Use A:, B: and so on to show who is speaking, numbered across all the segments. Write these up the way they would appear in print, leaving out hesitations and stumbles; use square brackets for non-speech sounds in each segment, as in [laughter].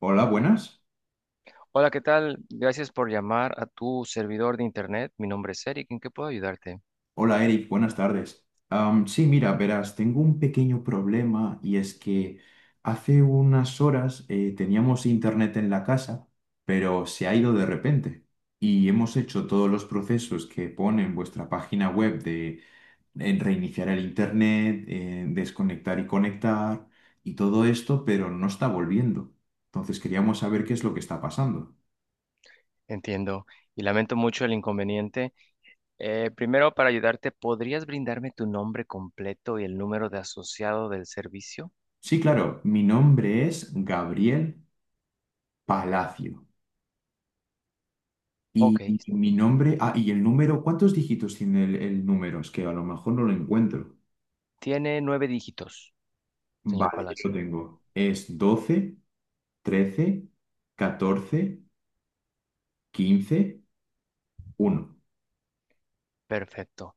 A: Hola, buenas.
B: Hola, ¿qué tal? Gracias por llamar a tu servidor de internet. Mi nombre es Eric. ¿En qué puedo ayudarte?
A: Hola, Eric, buenas tardes. Sí, mira, verás, tengo un pequeño problema y es que hace unas horas teníamos internet en la casa, pero se ha ido de repente y hemos hecho todos los procesos que pone en vuestra página web de en reiniciar el internet, desconectar y conectar y todo esto, pero no está volviendo. Entonces queríamos saber qué es lo que está pasando.
B: Entiendo y lamento mucho el inconveniente. Primero, para ayudarte, ¿podrías brindarme tu nombre completo y el número de asociado del servicio?
A: Sí, claro, mi nombre es Gabriel Palacio.
B: Ok,
A: Y mi nombre, y el número, ¿cuántos dígitos tiene el número? Es que a lo mejor no lo encuentro.
B: tiene nueve dígitos, señor
A: Vale, yo lo
B: Palacio.
A: tengo. Es 121314151.
B: Perfecto.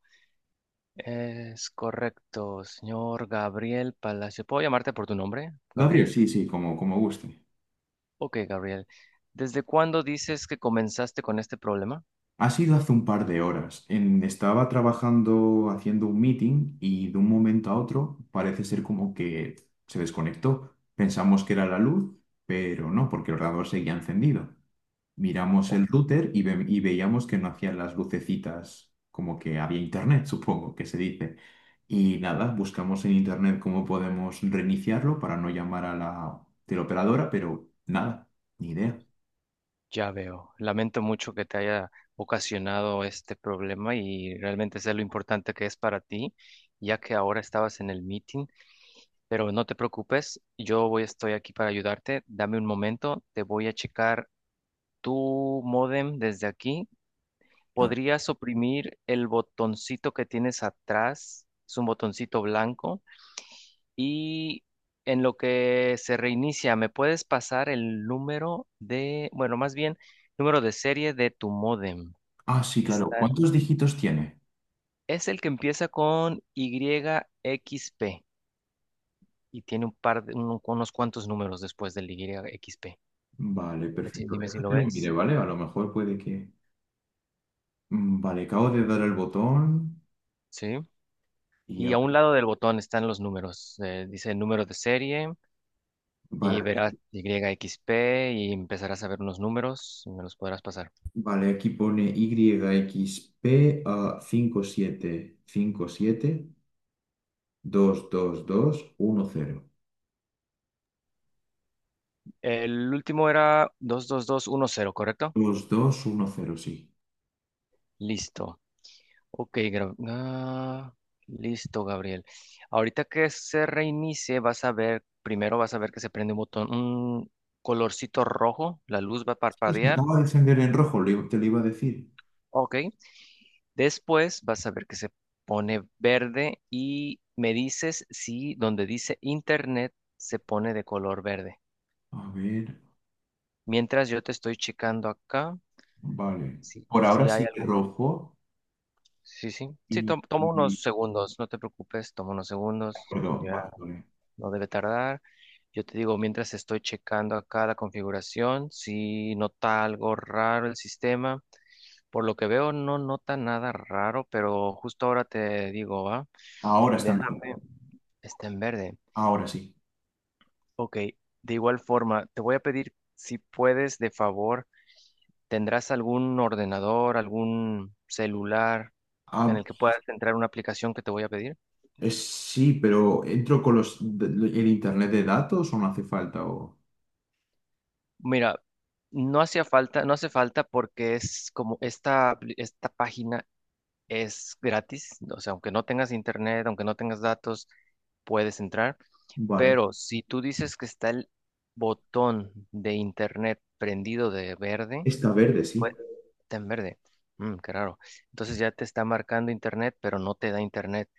B: Es correcto, señor Gabriel Palacio. ¿Puedo llamarte por tu nombre,
A: Gabriel,
B: Gabriel?
A: sí, sí, como guste.
B: Ok, Gabriel. ¿Desde cuándo dices que comenzaste con este problema?
A: Ha sido hace un par de horas. Estaba trabajando haciendo un meeting y de un momento a otro parece ser como que se desconectó. Pensamos que era la luz, pero no, porque el ordenador seguía encendido. Miramos el router y, y veíamos que no hacían las lucecitas, como que había internet, [laughs] supongo que se dice. Y nada, buscamos en internet cómo podemos reiniciarlo para no llamar a la teleoperadora, pero nada, ni idea.
B: Ya veo. Lamento mucho que te haya ocasionado este problema y realmente sé lo importante que es para ti, ya que ahora estabas en el meeting, pero no te preocupes, yo voy, estoy aquí para ayudarte. Dame un momento, te voy a checar tu modem desde aquí. ¿Podrías oprimir el botoncito que tienes atrás? Es un botoncito blanco. Y en lo que se reinicia, ¿me puedes pasar el número de, bueno, más bien, número de serie de tu módem?
A: Ah, sí, claro.
B: Está,
A: ¿Cuántos dígitos tiene?
B: es el que empieza con YXP y tiene un par de, unos cuantos números después del YXP.
A: Vale,
B: Dime si,
A: perfecto.
B: dime si lo
A: Déjate lo mire,
B: ves.
A: ¿vale? A lo mejor puede que. Mm, vale, acabo de dar el botón
B: Sí.
A: y
B: Y a
A: ahora.
B: un lado del botón están los números. Dice número de serie y
A: Vale,
B: verás YXP y empezarás a ver unos números y me los podrás pasar.
A: vale, aquí pone YXP a 5557572210
B: El último era 22210, ¿correcto?
A: 2210 sí.
B: Listo. Ok, listo, Gabriel. Ahorita que se reinicie, vas a ver, primero vas a ver que se prende un botón, un colorcito rojo, la luz va a
A: Sí, se
B: parpadear.
A: acaba de encender en rojo, te lo iba a decir.
B: Ok. Después vas a ver que se pone verde y me dices si donde dice internet se pone de color verde.
A: A ver,
B: Mientras yo te estoy checando acá,
A: vale.
B: si,
A: Por ahora
B: si hay
A: sigue
B: algo.
A: rojo
B: Sí, sí. Sí,
A: y...
B: toma
A: y-
B: unos segundos, no te preocupes, toma unos
A: de
B: segundos,
A: acuerdo,
B: ya
A: vale, vale.
B: no debe tardar. Yo te digo, mientras estoy checando acá la configuración, si nota algo raro el sistema, por lo que veo no nota nada raro, pero justo ahora te digo, ¿va?
A: Ahora está en rojo.
B: Déjame, está en verde.
A: Ahora sí.
B: Ok, de igual forma, te voy a pedir si puedes, de favor, ¿tendrás algún ordenador, algún celular en
A: Ah,
B: el que puedas entrar una aplicación que te voy a pedir?
A: Sí, pero ¿entro con los, el internet de datos o no hace falta? O.
B: Mira, no hacía falta, no hace falta porque es como esta, esta página es gratis, o sea, aunque no tengas internet, aunque no tengas datos, puedes entrar,
A: Vale.
B: pero si tú dices que está el botón de internet prendido de verde,
A: Está verde, sí.
B: pues está en verde. Mm, qué raro. Entonces ya te está marcando internet, pero no te da internet.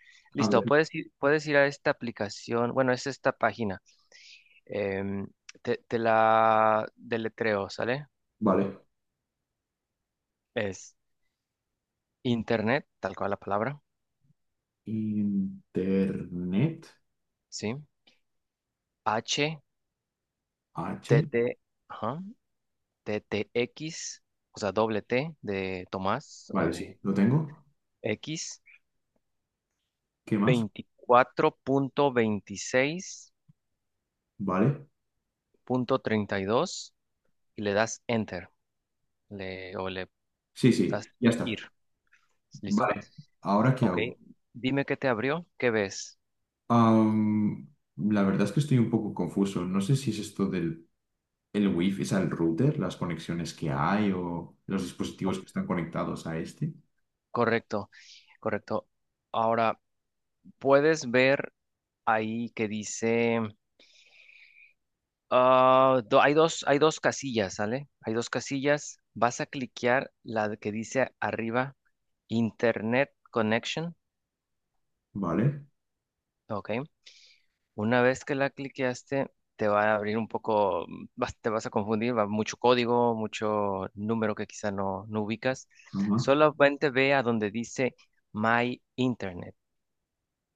A: A
B: Listo,
A: ver,
B: puedes ir a esta aplicación, bueno, es esta página. em, te la deletreo, ¿sale?
A: vale.
B: Es internet, tal cual la palabra,
A: Internet.
B: ¿sí? H,
A: H.
B: T, T, ajá, T, T, X, o sea, doble T de Tomás o
A: Vale, sí,
B: de
A: lo tengo.
B: X,
A: ¿Qué más? Vale.
B: 24.26.32 y le das enter, o le
A: Sí,
B: das
A: sí, ya está.
B: ir, ¿listo?
A: Vale. ¿Ahora qué
B: Ok,
A: hago?
B: dime qué te abrió, qué ves.
A: Am, la verdad es que estoy un poco confuso. No sé si es esto del el wifi, es el router, las conexiones que hay o los
B: Oh,
A: dispositivos que están conectados a este.
B: correcto, correcto. Ahora, puedes ver ahí que dice... Ah, hay dos casillas, ¿sale? Hay dos casillas. Vas a cliquear la de que dice arriba Internet Connection,
A: Vale.
B: ¿ok? Una vez que la cliqueaste, te va a abrir un poco, te vas a confundir, va mucho código, mucho número que quizá no, no ubicas.
A: Ajá.
B: Solamente ve a donde dice My Internet.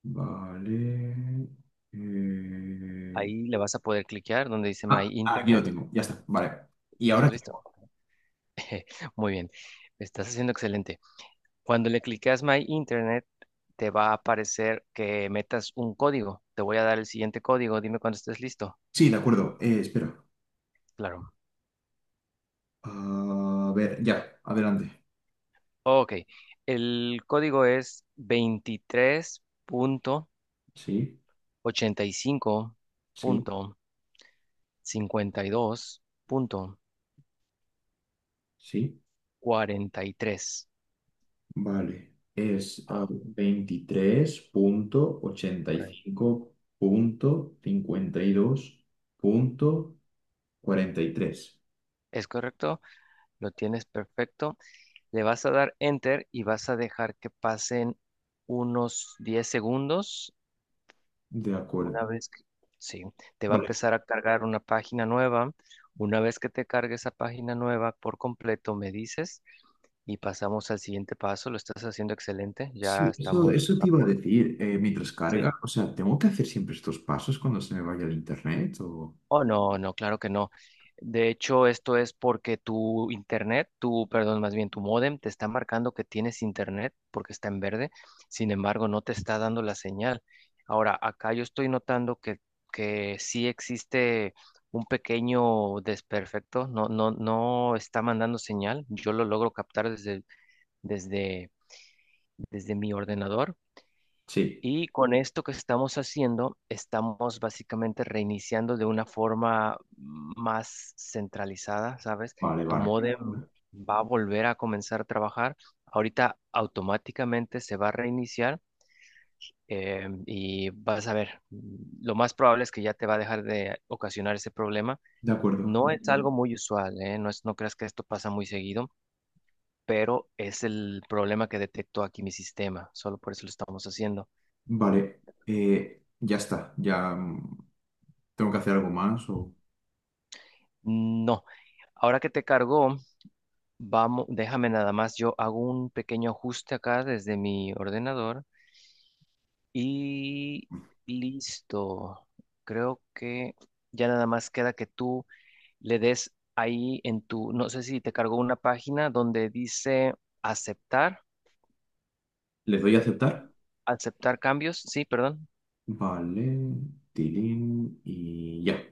A: Vale. eh,
B: Ahí le vas a poder cliquear donde dice My
A: Ah, aquí lo
B: Internet.
A: tengo. Ya está. Vale. Y
B: ¿Sí lo
A: ahora
B: has visto?
A: tengo.
B: [laughs] Muy bien, estás haciendo excelente. Cuando le clicas My Internet, te va a aparecer que metas un código. Te voy a dar el siguiente código. Dime cuando estés listo.
A: Sí, de acuerdo. Espera.
B: Claro.
A: A ver, ya. Adelante.
B: Ok. El código es 23 punto
A: Sí,
B: punto ochenta y cinco
A: sí,
B: punto 52
A: sí.
B: 23.85.52.43.
A: Vale. Es
B: Oh,
A: veintitrés punto ochenta y
B: correcto.
A: cinco punto cincuenta y dos punto cuarenta y tres
B: Es correcto, lo tienes perfecto. Le vas a dar enter y vas a dejar que pasen unos 10 segundos.
A: De acuerdo.
B: Una vez que, sí, te va a
A: Vale.
B: empezar a cargar una página nueva. Una vez que te cargue esa página nueva por completo, me dices y pasamos al siguiente paso. Lo estás haciendo excelente. Ya
A: Sí, eso,
B: estamos
A: eso te
B: a
A: iba a
B: punto.
A: decir, mientras
B: Sí.
A: carga, o sea, ¿tengo que hacer siempre estos pasos cuando se me vaya el internet o?
B: Oh, no, no, claro que no. De hecho, esto es porque tu internet, tu, perdón, más bien tu módem te está marcando que tienes internet porque está en verde. Sin embargo, no te está dando la señal. Ahora, acá yo estoy notando que sí existe un pequeño desperfecto. No, no, no está mandando señal. Yo lo logro captar desde, desde mi ordenador.
A: Sí,
B: Y con esto que estamos haciendo, estamos básicamente reiniciando de una forma más centralizada, ¿sabes?
A: vale,
B: Tu
A: vale,
B: módem
A: perfecto.
B: va a volver a comenzar a trabajar. Ahorita automáticamente se va a reiniciar y vas a ver, lo más probable es que ya te va a dejar de ocasionar ese problema.
A: De acuerdo,
B: No es algo muy usual, ¿eh? No es, no creas que esto pasa muy seguido, pero es el problema que detectó aquí mi sistema. Solo por eso lo estamos haciendo.
A: vale, ya está, ya tengo que hacer algo más o.
B: No. Ahora que te cargó, vamos, déjame nada más. Yo hago un pequeño ajuste acá desde mi ordenador y listo. Creo que ya nada más queda que tú le des ahí en tu, no sé si te cargó una página donde dice aceptar,
A: ¿Les doy a aceptar?
B: aceptar cambios. Sí, perdón.
A: Vale, tilín y ya.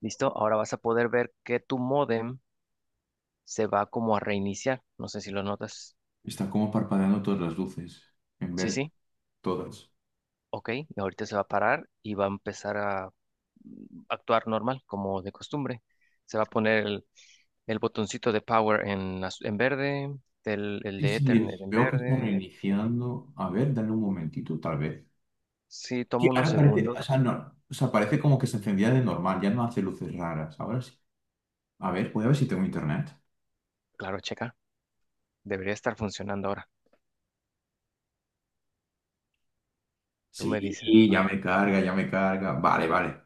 B: Listo. Ahora vas a poder ver que tu módem se va como a reiniciar. No sé si lo notas.
A: Están como parpadeando todas las luces, en
B: Sí,
A: verde,
B: sí.
A: todas.
B: Ok, y ahorita se va a parar y va a empezar a actuar normal, como de costumbre. Se va a poner el botoncito de power en verde, el
A: Sí,
B: de
A: sí,
B: Ethernet en
A: veo que está
B: verde.
A: reiniciando. A ver, dale un momentito, tal vez
B: Sí, toma
A: que
B: unos
A: ahora parece, o sea,
B: segundos.
A: no, o sea, parece como que se encendía de normal, ya no hace luces raras. Ahora sí. A ver, voy a ver si tengo internet.
B: Claro, checa, debería estar funcionando ahora. Tú me dices,
A: Sí, ya
B: ¿no?
A: me carga, ya me carga. Vale, vale.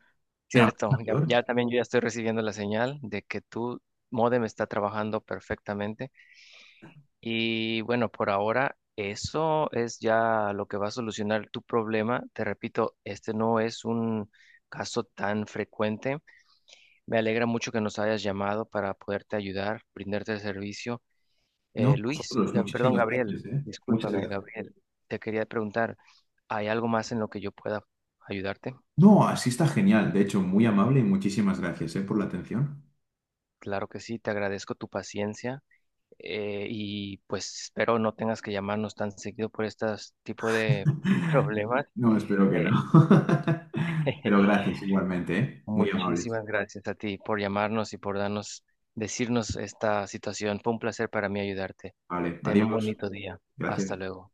A: Ah,
B: Cierto, ya,
A: mayor.
B: ya también yo ya estoy recibiendo la señal de que tu módem está trabajando perfectamente. Y bueno, por ahora eso es ya lo que va a solucionar tu problema. Te repito, este no es un caso tan frecuente. Me alegra mucho que nos hayas llamado para poderte ayudar, brindarte el servicio.
A: No,
B: Luis,
A: vosotros,
B: perdón,
A: muchísimas
B: Gabriel,
A: gracias, ¿eh? Muchas
B: discúlpame,
A: gracias.
B: Gabriel, te quería preguntar, ¿hay algo más en lo que yo pueda ayudarte?
A: No, así está genial. De hecho, muy amable y muchísimas gracias, ¿eh? Por la atención.
B: Claro que sí, te agradezco tu paciencia y pues espero no tengas que llamarnos tan seguido por este tipo de
A: [laughs]
B: problemas.
A: No, espero que no.
B: Eh,
A: [laughs] Pero
B: [laughs]
A: gracias igualmente, ¿eh? Muy amables.
B: Muchísimas gracias a ti por llamarnos y por darnos, decirnos esta situación. Fue un placer para mí ayudarte.
A: Vale,
B: Ten un
A: adiós.
B: bonito día. Hasta
A: Gracias.
B: luego.